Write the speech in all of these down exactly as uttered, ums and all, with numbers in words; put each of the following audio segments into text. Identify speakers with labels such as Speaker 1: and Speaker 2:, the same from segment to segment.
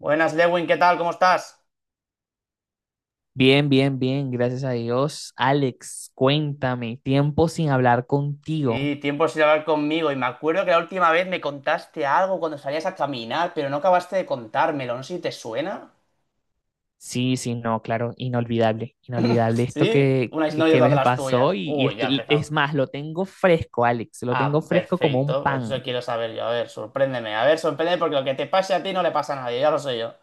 Speaker 1: Buenas, Lewin, ¿qué tal? ¿Cómo estás?
Speaker 2: Bien, bien, bien, gracias a Dios. Alex, cuéntame, tiempo sin hablar contigo.
Speaker 1: Sí, tiempo sin hablar conmigo y me acuerdo que la última vez me contaste algo cuando salías a caminar, pero no acabaste de contármelo, no sé si te suena.
Speaker 2: Sí, sí, no, claro, inolvidable, inolvidable esto
Speaker 1: ¿Sí?
Speaker 2: que,
Speaker 1: Una
Speaker 2: que,
Speaker 1: historia
Speaker 2: que
Speaker 1: de
Speaker 2: me
Speaker 1: las
Speaker 2: pasó
Speaker 1: tuyas.
Speaker 2: y, y
Speaker 1: Uy, ya
Speaker 2: estoy-
Speaker 1: empezamos.
Speaker 2: es más, lo tengo fresco, Alex, lo
Speaker 1: Ah,
Speaker 2: tengo fresco como un
Speaker 1: perfecto, pues
Speaker 2: pan.
Speaker 1: eso quiero saber yo. A ver, sorpréndeme, a ver, sorpréndeme porque lo que te pase a ti no le pasa a nadie, ya lo sé yo.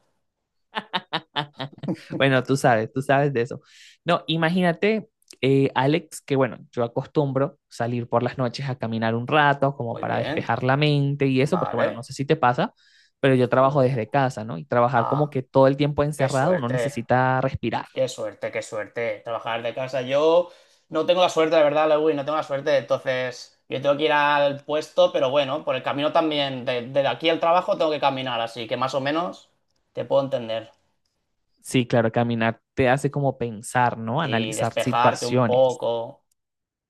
Speaker 2: Bueno, tú sabes, tú sabes de eso. No, imagínate, eh, Alex, que bueno, yo acostumbro salir por las noches a caminar un rato como
Speaker 1: Muy
Speaker 2: para
Speaker 1: bien,
Speaker 2: despejar la mente y eso, porque bueno, no
Speaker 1: vale,
Speaker 2: sé si te pasa, pero yo
Speaker 1: muy
Speaker 2: trabajo
Speaker 1: bien.
Speaker 2: desde casa, ¿no? Y trabajar como
Speaker 1: Ah,
Speaker 2: que todo el tiempo
Speaker 1: qué
Speaker 2: encerrado, uno
Speaker 1: suerte.
Speaker 2: necesita respirar.
Speaker 1: Qué suerte, qué suerte. Trabajar de casa. Yo no tengo la suerte, la verdad, Lewis, no tengo la suerte. Entonces, yo tengo que ir al puesto, pero bueno, por el camino también, de, de aquí al trabajo tengo que caminar, así que más o menos te puedo entender.
Speaker 2: Sí, claro, caminar te hace como pensar, ¿no?
Speaker 1: Sí,
Speaker 2: Analizar
Speaker 1: despejarte un
Speaker 2: situaciones.
Speaker 1: poco.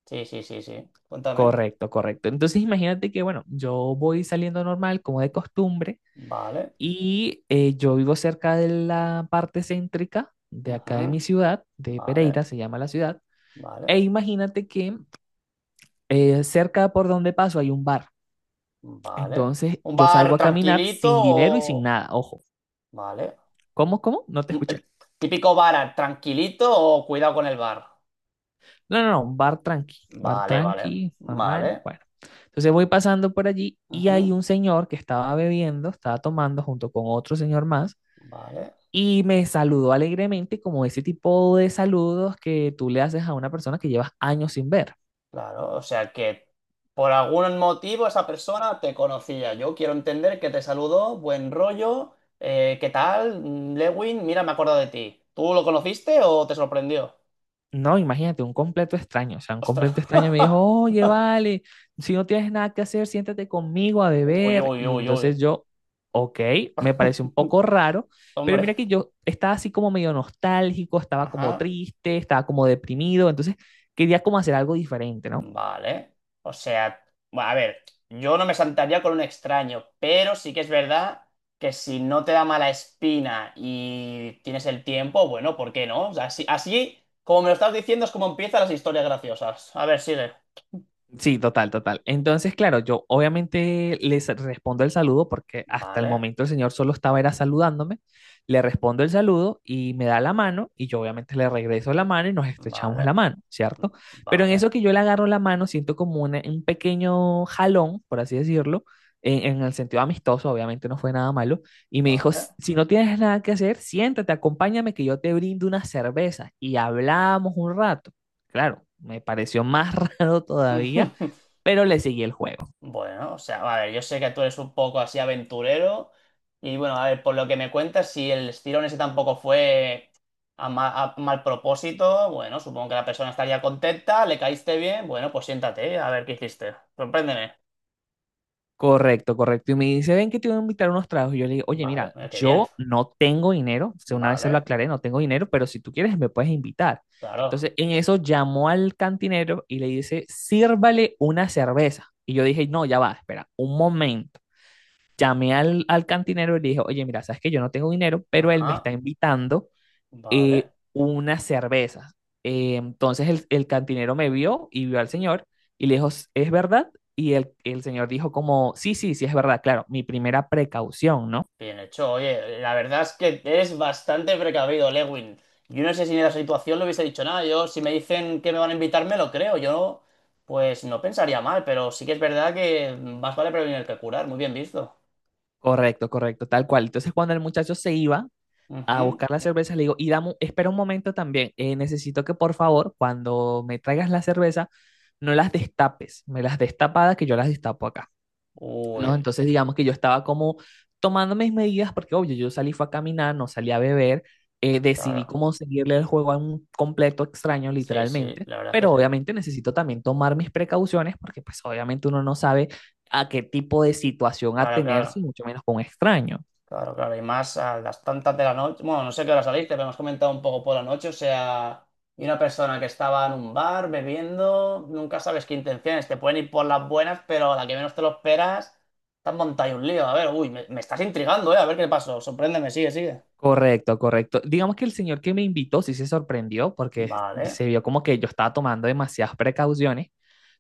Speaker 1: Sí, sí, sí, sí. Cuéntame.
Speaker 2: Correcto, correcto. Entonces imagínate que, bueno, yo voy saliendo normal como de costumbre.
Speaker 1: Vale.
Speaker 2: Y eh, yo vivo cerca de la parte céntrica de acá de
Speaker 1: Ujú.
Speaker 2: mi ciudad, de
Speaker 1: Vale,
Speaker 2: Pereira, se llama la ciudad.
Speaker 1: vale,
Speaker 2: E imagínate que eh, cerca por donde paso hay un bar.
Speaker 1: vale.
Speaker 2: Entonces
Speaker 1: ¿Un
Speaker 2: yo
Speaker 1: bar
Speaker 2: salgo a caminar
Speaker 1: tranquilito
Speaker 2: sin dinero y sin
Speaker 1: o...?
Speaker 2: nada. Ojo,
Speaker 1: Vale.
Speaker 2: ¿cómo, cómo? No te
Speaker 1: Un-
Speaker 2: escuché.
Speaker 1: eh, Típico bar tranquilito o cuidado con el bar.
Speaker 2: No, no, no, un bar tranqui, bar
Speaker 1: Vale, vale,
Speaker 2: tranqui, normal.
Speaker 1: vale.
Speaker 2: Bueno, entonces voy pasando por allí y
Speaker 1: Ujú.
Speaker 2: hay un señor que estaba bebiendo, estaba tomando junto con otro señor más.
Speaker 1: Vale,
Speaker 2: Y me saludó alegremente como ese tipo de saludos que tú le haces a una persona que llevas años sin ver.
Speaker 1: claro. O sea que por algún motivo esa persona te conocía. Yo quiero entender que te saludó, buen rollo. Eh, ¿qué tal? Mm, Lewin, mira, me acuerdo de ti. ¿Tú lo conociste o te sorprendió?
Speaker 2: No, imagínate, un completo extraño. O sea, un
Speaker 1: Ostras.
Speaker 2: completo extraño me dijo, oye, vale, si no tienes nada que hacer, siéntate conmigo a
Speaker 1: Uy,
Speaker 2: beber.
Speaker 1: uy,
Speaker 2: Y
Speaker 1: uy,
Speaker 2: entonces
Speaker 1: uy.
Speaker 2: yo, ok, me parece un poco raro, pero
Speaker 1: Hombre.
Speaker 2: mira que yo estaba así como medio nostálgico, estaba como
Speaker 1: Ajá.
Speaker 2: triste, estaba como deprimido, entonces quería como hacer algo diferente, ¿no?
Speaker 1: Vale. O sea, bueno, a ver, yo no me sentaría con un extraño, pero sí que es verdad que si no te da mala espina y tienes el tiempo, bueno, ¿por qué no? O sea, así, así como me lo estás diciendo, es como empiezan las historias graciosas. A ver, sigue.
Speaker 2: Sí, total, total. Entonces, claro, yo obviamente les respondo el saludo porque hasta el
Speaker 1: Vale,
Speaker 2: momento el señor solo estaba era saludándome. Le respondo el saludo y me da la mano y yo obviamente le regreso la mano y nos estrechamos
Speaker 1: vale,
Speaker 2: la mano, ¿cierto? Pero en
Speaker 1: vale,
Speaker 2: eso que yo le agarro la mano siento como una- un pequeño jalón, por así decirlo, en, en el sentido amistoso, obviamente no fue nada malo, y me dijo,
Speaker 1: vale.
Speaker 2: "Si si no tienes nada que hacer, siéntate, acompáñame que yo te brindo una cerveza y hablamos un rato". Claro, me pareció más raro todavía, pero le seguí el juego.
Speaker 1: Bueno, o sea, a ver, yo sé que tú eres un poco así aventurero y bueno, a ver, por lo que me cuentas, si el estirón ese tampoco fue a, ma- a mal propósito, bueno, supongo que la persona estaría contenta, le caíste bien, bueno, pues siéntate, a ver qué hiciste. Sorpréndeme.
Speaker 2: Correcto, correcto. Y me dice, ven que te voy a invitar unos tragos. Y yo le digo, oye,
Speaker 1: Vale,
Speaker 2: mira,
Speaker 1: mira, qué bien.
Speaker 2: yo no tengo dinero. O sea, una vez se lo
Speaker 1: Vale,
Speaker 2: aclaré, no tengo dinero, pero si tú quieres me puedes invitar.
Speaker 1: claro.
Speaker 2: Entonces, en eso llamó al cantinero y le dice, sírvale una cerveza. Y yo dije, no, ya va, espera, un momento. Llamé al, al cantinero y le dije, oye, mira, sabes que yo no tengo dinero, pero él me está
Speaker 1: Ajá,
Speaker 2: invitando eh,
Speaker 1: vale.
Speaker 2: unas cervezas. Eh, entonces el, el cantinero me vio y vio al señor y le dijo, ¿es verdad? Y el, el señor dijo como, sí, sí, sí, es verdad, claro, mi primera precaución, ¿no?
Speaker 1: Bien hecho, oye, la verdad es que es bastante precavido, Lewin. Yo no sé si en esa situación le hubiese dicho nada. Yo, si me dicen que me van a invitar, me lo creo. Yo, pues no pensaría mal, pero sí que es verdad que más vale prevenir que curar. Muy bien visto.
Speaker 2: Correcto, correcto, tal cual. Entonces cuando el muchacho se iba a
Speaker 1: Ujú.
Speaker 2: buscar las cervezas, le digo, y dame, un- espera un momento también, eh, necesito que por favor, cuando me traigas la cerveza, no las destapes, me las destapadas que yo las destapo acá, ¿no?
Speaker 1: Uy,
Speaker 2: Entonces, digamos que yo estaba como tomando mis medidas, porque obvio, yo salí fue a caminar, no salí a beber, eh, decidí
Speaker 1: claro.
Speaker 2: como seguirle el juego a un completo extraño,
Speaker 1: Sí, sí,
Speaker 2: literalmente,
Speaker 1: la verdad es
Speaker 2: pero
Speaker 1: que sí.
Speaker 2: obviamente necesito también tomar mis precauciones, porque pues obviamente uno no sabe a qué tipo de situación
Speaker 1: Claro, claro.
Speaker 2: atenerse, y mucho menos con un extraño.
Speaker 1: Claro, claro, y más a las tantas de la noche. Bueno, no sé qué hora saliste, pero hemos comentado un poco por la noche. O sea, y una persona que estaba en un bar bebiendo, nunca sabes qué intenciones. Te pueden ir por las buenas, pero a la que menos te lo esperas, te has montado ahí un lío. A ver, uy, me, me estás intrigando, ¿eh? A ver qué pasó. Sorpréndeme, sigue, sigue.
Speaker 2: Correcto, correcto. Digamos que el señor que me invitó sí se sorprendió porque
Speaker 1: Vale,
Speaker 2: se vio como que yo estaba tomando demasiadas precauciones,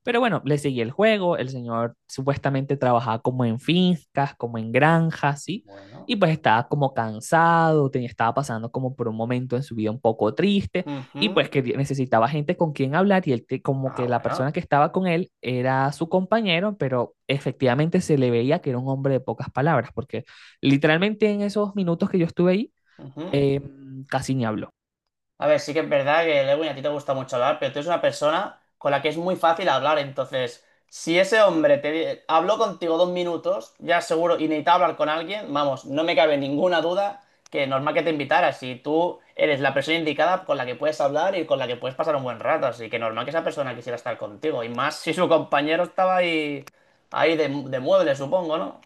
Speaker 2: pero bueno, le seguí el juego. El señor supuestamente trabajaba como en fincas, como en granjas, ¿sí?
Speaker 1: bueno.
Speaker 2: Y pues estaba como cansado, tenía, estaba pasando como por un momento en su vida un poco triste, y
Speaker 1: Ujú.
Speaker 2: pues que necesitaba gente con quien hablar, y él te- como
Speaker 1: Ah,
Speaker 2: que la
Speaker 1: bueno.
Speaker 2: persona que estaba con él era su compañero, pero efectivamente se le veía que era un hombre de pocas palabras porque literalmente en esos minutos que yo estuve ahí,
Speaker 1: Ujú.
Speaker 2: eh, casi ni habló.
Speaker 1: A ver, sí que es verdad que Lewin a ti te gusta mucho hablar, pero tú eres una persona con la que es muy fácil hablar. Entonces, si ese hombre te di- habló contigo dos minutos, ya seguro, y necesitaba hablar con alguien, vamos, no me cabe ninguna duda que normal que te invitara. Si tú eres la persona indicada con la que puedes hablar y con la que puedes pasar un buen rato, así que normal que esa persona quisiera estar contigo. Y más si su compañero estaba ahí, ahí de, de mueble, supongo, ¿no?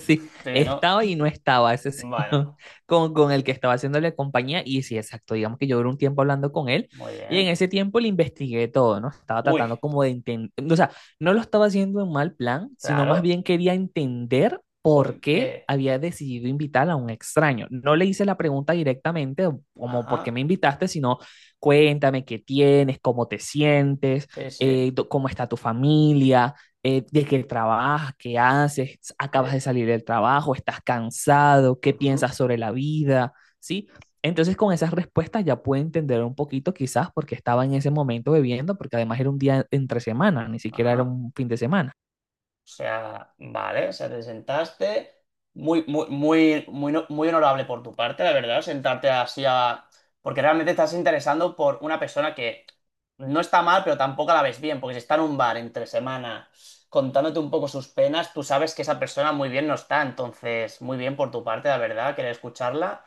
Speaker 2: Sí,
Speaker 1: Sí, ¿no?
Speaker 2: estaba y no estaba ese
Speaker 1: Bueno,
Speaker 2: señor con, con el que estaba haciéndole compañía. Y sí, exacto, digamos que yo duré un tiempo hablando con él,
Speaker 1: muy
Speaker 2: y en
Speaker 1: bien.
Speaker 2: ese tiempo le investigué todo, ¿no? Estaba
Speaker 1: Uy,
Speaker 2: tratando como de entender, o sea, no lo estaba haciendo en mal plan, sino más
Speaker 1: claro,
Speaker 2: bien quería entender por qué
Speaker 1: porque.
Speaker 2: había decidido invitar a un extraño. No le hice la pregunta directamente, como por qué
Speaker 1: Ajá,
Speaker 2: me invitaste, sino cuéntame qué tienes, cómo te sientes,
Speaker 1: sí, sí.
Speaker 2: eh, do- cómo está tu familia, eh, de qué trabajas, qué haces, acabas
Speaker 1: Eh,
Speaker 2: de salir del trabajo, estás cansado, qué
Speaker 1: Ujú,
Speaker 2: piensas sobre la vida, ¿sí? Entonces con esas respuestas ya pude entender un poquito quizás porque estaba en ese momento bebiendo, porque además era un día entre semana, ni siquiera era
Speaker 1: ajá.
Speaker 2: un fin de semana.
Speaker 1: O sea, vale, o sea, te sentaste. Muy, muy, muy, muy, no- muy honorable por tu parte, la verdad, sentarte así a. Porque realmente estás interesando por una persona que no está mal, pero tampoco la ves bien, porque si está en un bar entre semana contándote un poco sus penas, tú sabes que esa persona muy bien no está. Entonces, muy bien por tu parte, la verdad, querer escucharla.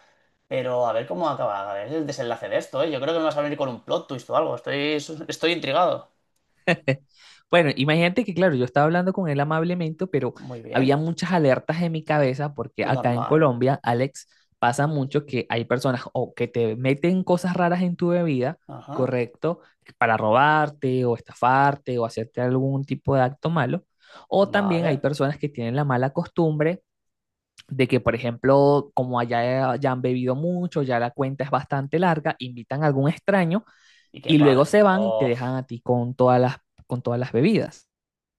Speaker 1: Pero a ver cómo acaba, a ver el desenlace de esto, ¿eh? Yo creo que me vas a venir con un plot twist o algo. Estoy, estoy intrigado.
Speaker 2: Bueno, imagínate que, claro, yo estaba hablando con él amablemente, pero
Speaker 1: Muy
Speaker 2: había
Speaker 1: bien.
Speaker 2: muchas alertas en mi cabeza porque acá en
Speaker 1: Normal.
Speaker 2: Colombia, Alex, pasa mucho que hay personas o que te meten cosas raras en tu bebida,
Speaker 1: Ajá.
Speaker 2: correcto, para robarte o estafarte o hacerte algún tipo de acto malo, o también hay
Speaker 1: Vale.
Speaker 2: personas que tienen la mala costumbre de que, por ejemplo, como allá eh, ya han bebido mucho, ya la cuenta es bastante larga, invitan a algún extraño
Speaker 1: Y que
Speaker 2: y luego
Speaker 1: pague.
Speaker 2: se van y te
Speaker 1: Of.
Speaker 2: dejan a ti con todas las, con todas las bebidas.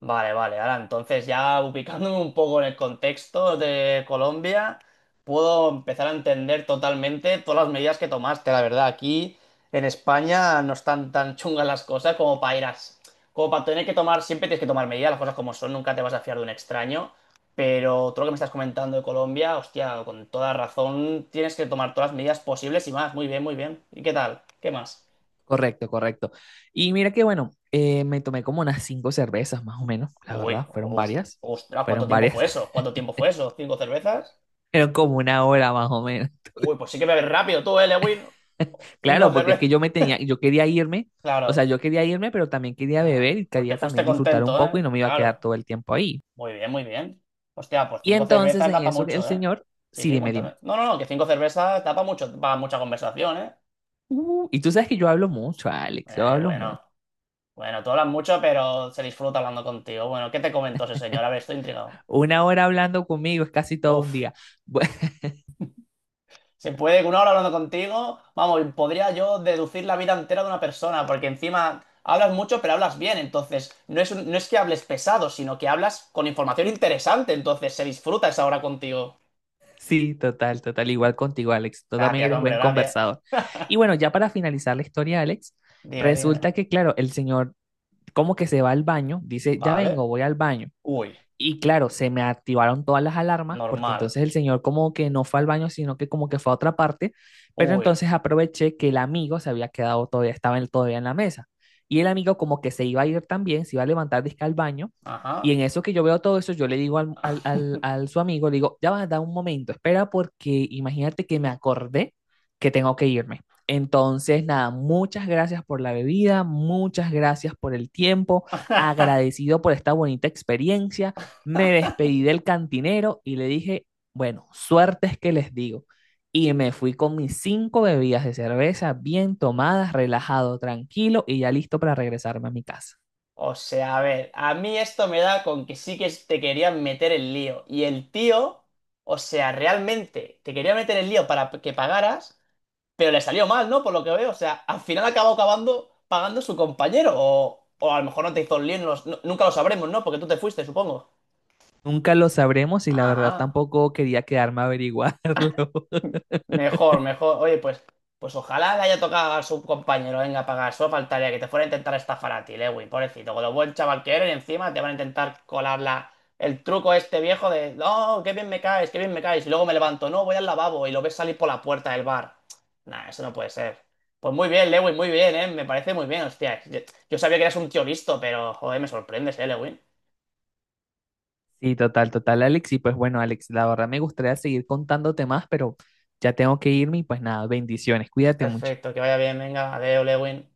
Speaker 1: Vale, vale. Ahora entonces ya ubicándome un poco en el contexto de Colombia, puedo empezar a entender totalmente todas las medidas que tomaste. La verdad, aquí en España no están tan chungas las cosas como para ir a... Como para tener que tomar, siempre tienes que tomar medidas, las cosas como son, nunca te vas a fiar de un extraño. Pero todo lo que me estás comentando de Colombia, hostia, con toda razón, tienes que tomar todas las medidas posibles y más. Muy bien, muy bien. ¿Y qué tal? ¿Qué más?
Speaker 2: Correcto, correcto. Y mira que bueno, eh, me tomé como unas cinco cervezas más o menos, la
Speaker 1: Uy,
Speaker 2: verdad, fueron
Speaker 1: os-
Speaker 2: varias,
Speaker 1: Ostras, ¿cuánto
Speaker 2: fueron
Speaker 1: tiempo fue
Speaker 2: varias,
Speaker 1: eso? ¿Cuánto tiempo fue eso? ¿Cinco cervezas?
Speaker 2: fueron como una hora más o menos.
Speaker 1: Uy, pues sí que bebes rápido tú, eh, Lewin. Cinco
Speaker 2: Claro, porque es
Speaker 1: cervezas.
Speaker 2: que yo me tenía, yo quería irme, o sea,
Speaker 1: Claro.
Speaker 2: yo quería irme, pero también quería beber
Speaker 1: Ah,
Speaker 2: y
Speaker 1: pues te
Speaker 2: quería
Speaker 1: fuiste
Speaker 2: también disfrutar un
Speaker 1: contento,
Speaker 2: poco
Speaker 1: ¿eh?
Speaker 2: y no me iba a quedar
Speaker 1: Claro.
Speaker 2: todo el tiempo ahí.
Speaker 1: Muy bien, muy bien. Hostia, pues
Speaker 2: Y
Speaker 1: cinco
Speaker 2: entonces
Speaker 1: cervezas
Speaker 2: en
Speaker 1: da pa'
Speaker 2: eso el
Speaker 1: mucho, ¿eh?
Speaker 2: señor,
Speaker 1: Sí,
Speaker 2: sí,
Speaker 1: sí,
Speaker 2: dime, dime.
Speaker 1: cuéntame. No, no, no, que cinco cervezas da pa' mucho, para mucha conversación, ¿eh?
Speaker 2: Uh, y tú sabes que yo hablo mucho, Alex, yo
Speaker 1: Eh,
Speaker 2: hablo mucho.
Speaker 1: bueno. Bueno, tú hablas mucho, pero se disfruta hablando contigo. Bueno, ¿qué te comentó ese señor? A ver, estoy intrigado.
Speaker 2: Una hora hablando conmigo es casi todo un
Speaker 1: Uf.
Speaker 2: día. Bu-
Speaker 1: Se puede que una hora hablando contigo, vamos, podría yo deducir la vida entera de una persona, porque encima hablas mucho, pero hablas bien, entonces no es, un- no es que hables pesado, sino que hablas con información interesante, entonces se disfruta esa hora contigo.
Speaker 2: Sí, total, total. Igual contigo, Alex. Tú también
Speaker 1: Gracias,
Speaker 2: eres
Speaker 1: hombre,
Speaker 2: buen
Speaker 1: gracias.
Speaker 2: conversador. Y bueno, ya para finalizar la historia, Alex,
Speaker 1: Dime, dime.
Speaker 2: resulta que, claro, el señor como que se va al baño, dice, ya vengo,
Speaker 1: Vale.
Speaker 2: voy al baño.
Speaker 1: Uy,
Speaker 2: Y claro, se me activaron todas las alarmas porque
Speaker 1: normal.
Speaker 2: entonces el señor como que no fue al baño, sino que como que fue a otra parte, pero
Speaker 1: Uy,
Speaker 2: entonces aproveché que el amigo se había quedado todavía, estaba él todavía en la mesa. Y el amigo como que se iba a ir también, se iba a levantar disque al baño. Y
Speaker 1: ajá.
Speaker 2: en eso que yo veo todo eso, yo le digo al, al, al, al su amigo, le digo, ya va, da un momento, espera porque imagínate que me acordé que tengo que irme. Entonces, nada, muchas gracias por la bebida, muchas gracias por el tiempo, agradecido por esta bonita experiencia, me despedí del cantinero y le dije, bueno, suerte es que les digo. Y me fui con mis cinco bebidas de cerveza bien tomadas, relajado, tranquilo y ya listo para regresarme a mi casa.
Speaker 1: O sea, a ver, a mí esto me da con que sí que te querían meter el lío. Y el tío, o sea, realmente te quería meter el lío para que pagaras, pero le salió mal, ¿no? Por lo que veo. O sea, al final acabó acabando pagando su compañero. O, o a lo mejor no te hizo el lío, no lo- no- nunca lo sabremos, ¿no? Porque tú te fuiste, supongo.
Speaker 2: Nunca lo sabremos y la verdad
Speaker 1: Ajá.
Speaker 2: tampoco quería quedarme a averiguarlo.
Speaker 1: Mejor, mejor. Oye, pues, pues ojalá le haya tocado a su compañero. Venga, pagar. Solo faltaría que te fuera a intentar estafar a ti, Lewin, pobrecito. Con lo buen chaval que eres, encima te van a intentar colar la- el truco este viejo de, no, qué bien me caes, qué bien me caes. Y luego me levanto, no, voy al lavabo y lo ves salir por la puerta del bar. Nah, eso no puede ser. Pues muy bien, Lewin, muy bien, ¿eh? Me parece muy bien, hostia. Yo, yo sabía que eras un tío listo, pero, joder, me sorprendes, ¿eh, Lewin?
Speaker 2: Sí, total, total, Alex. Y pues bueno, Alex, la verdad me gustaría seguir contándote más, pero ya tengo que irme y pues nada, bendiciones. Cuídate mucho.
Speaker 1: Perfecto, que vaya bien, venga, adeo, Lewin.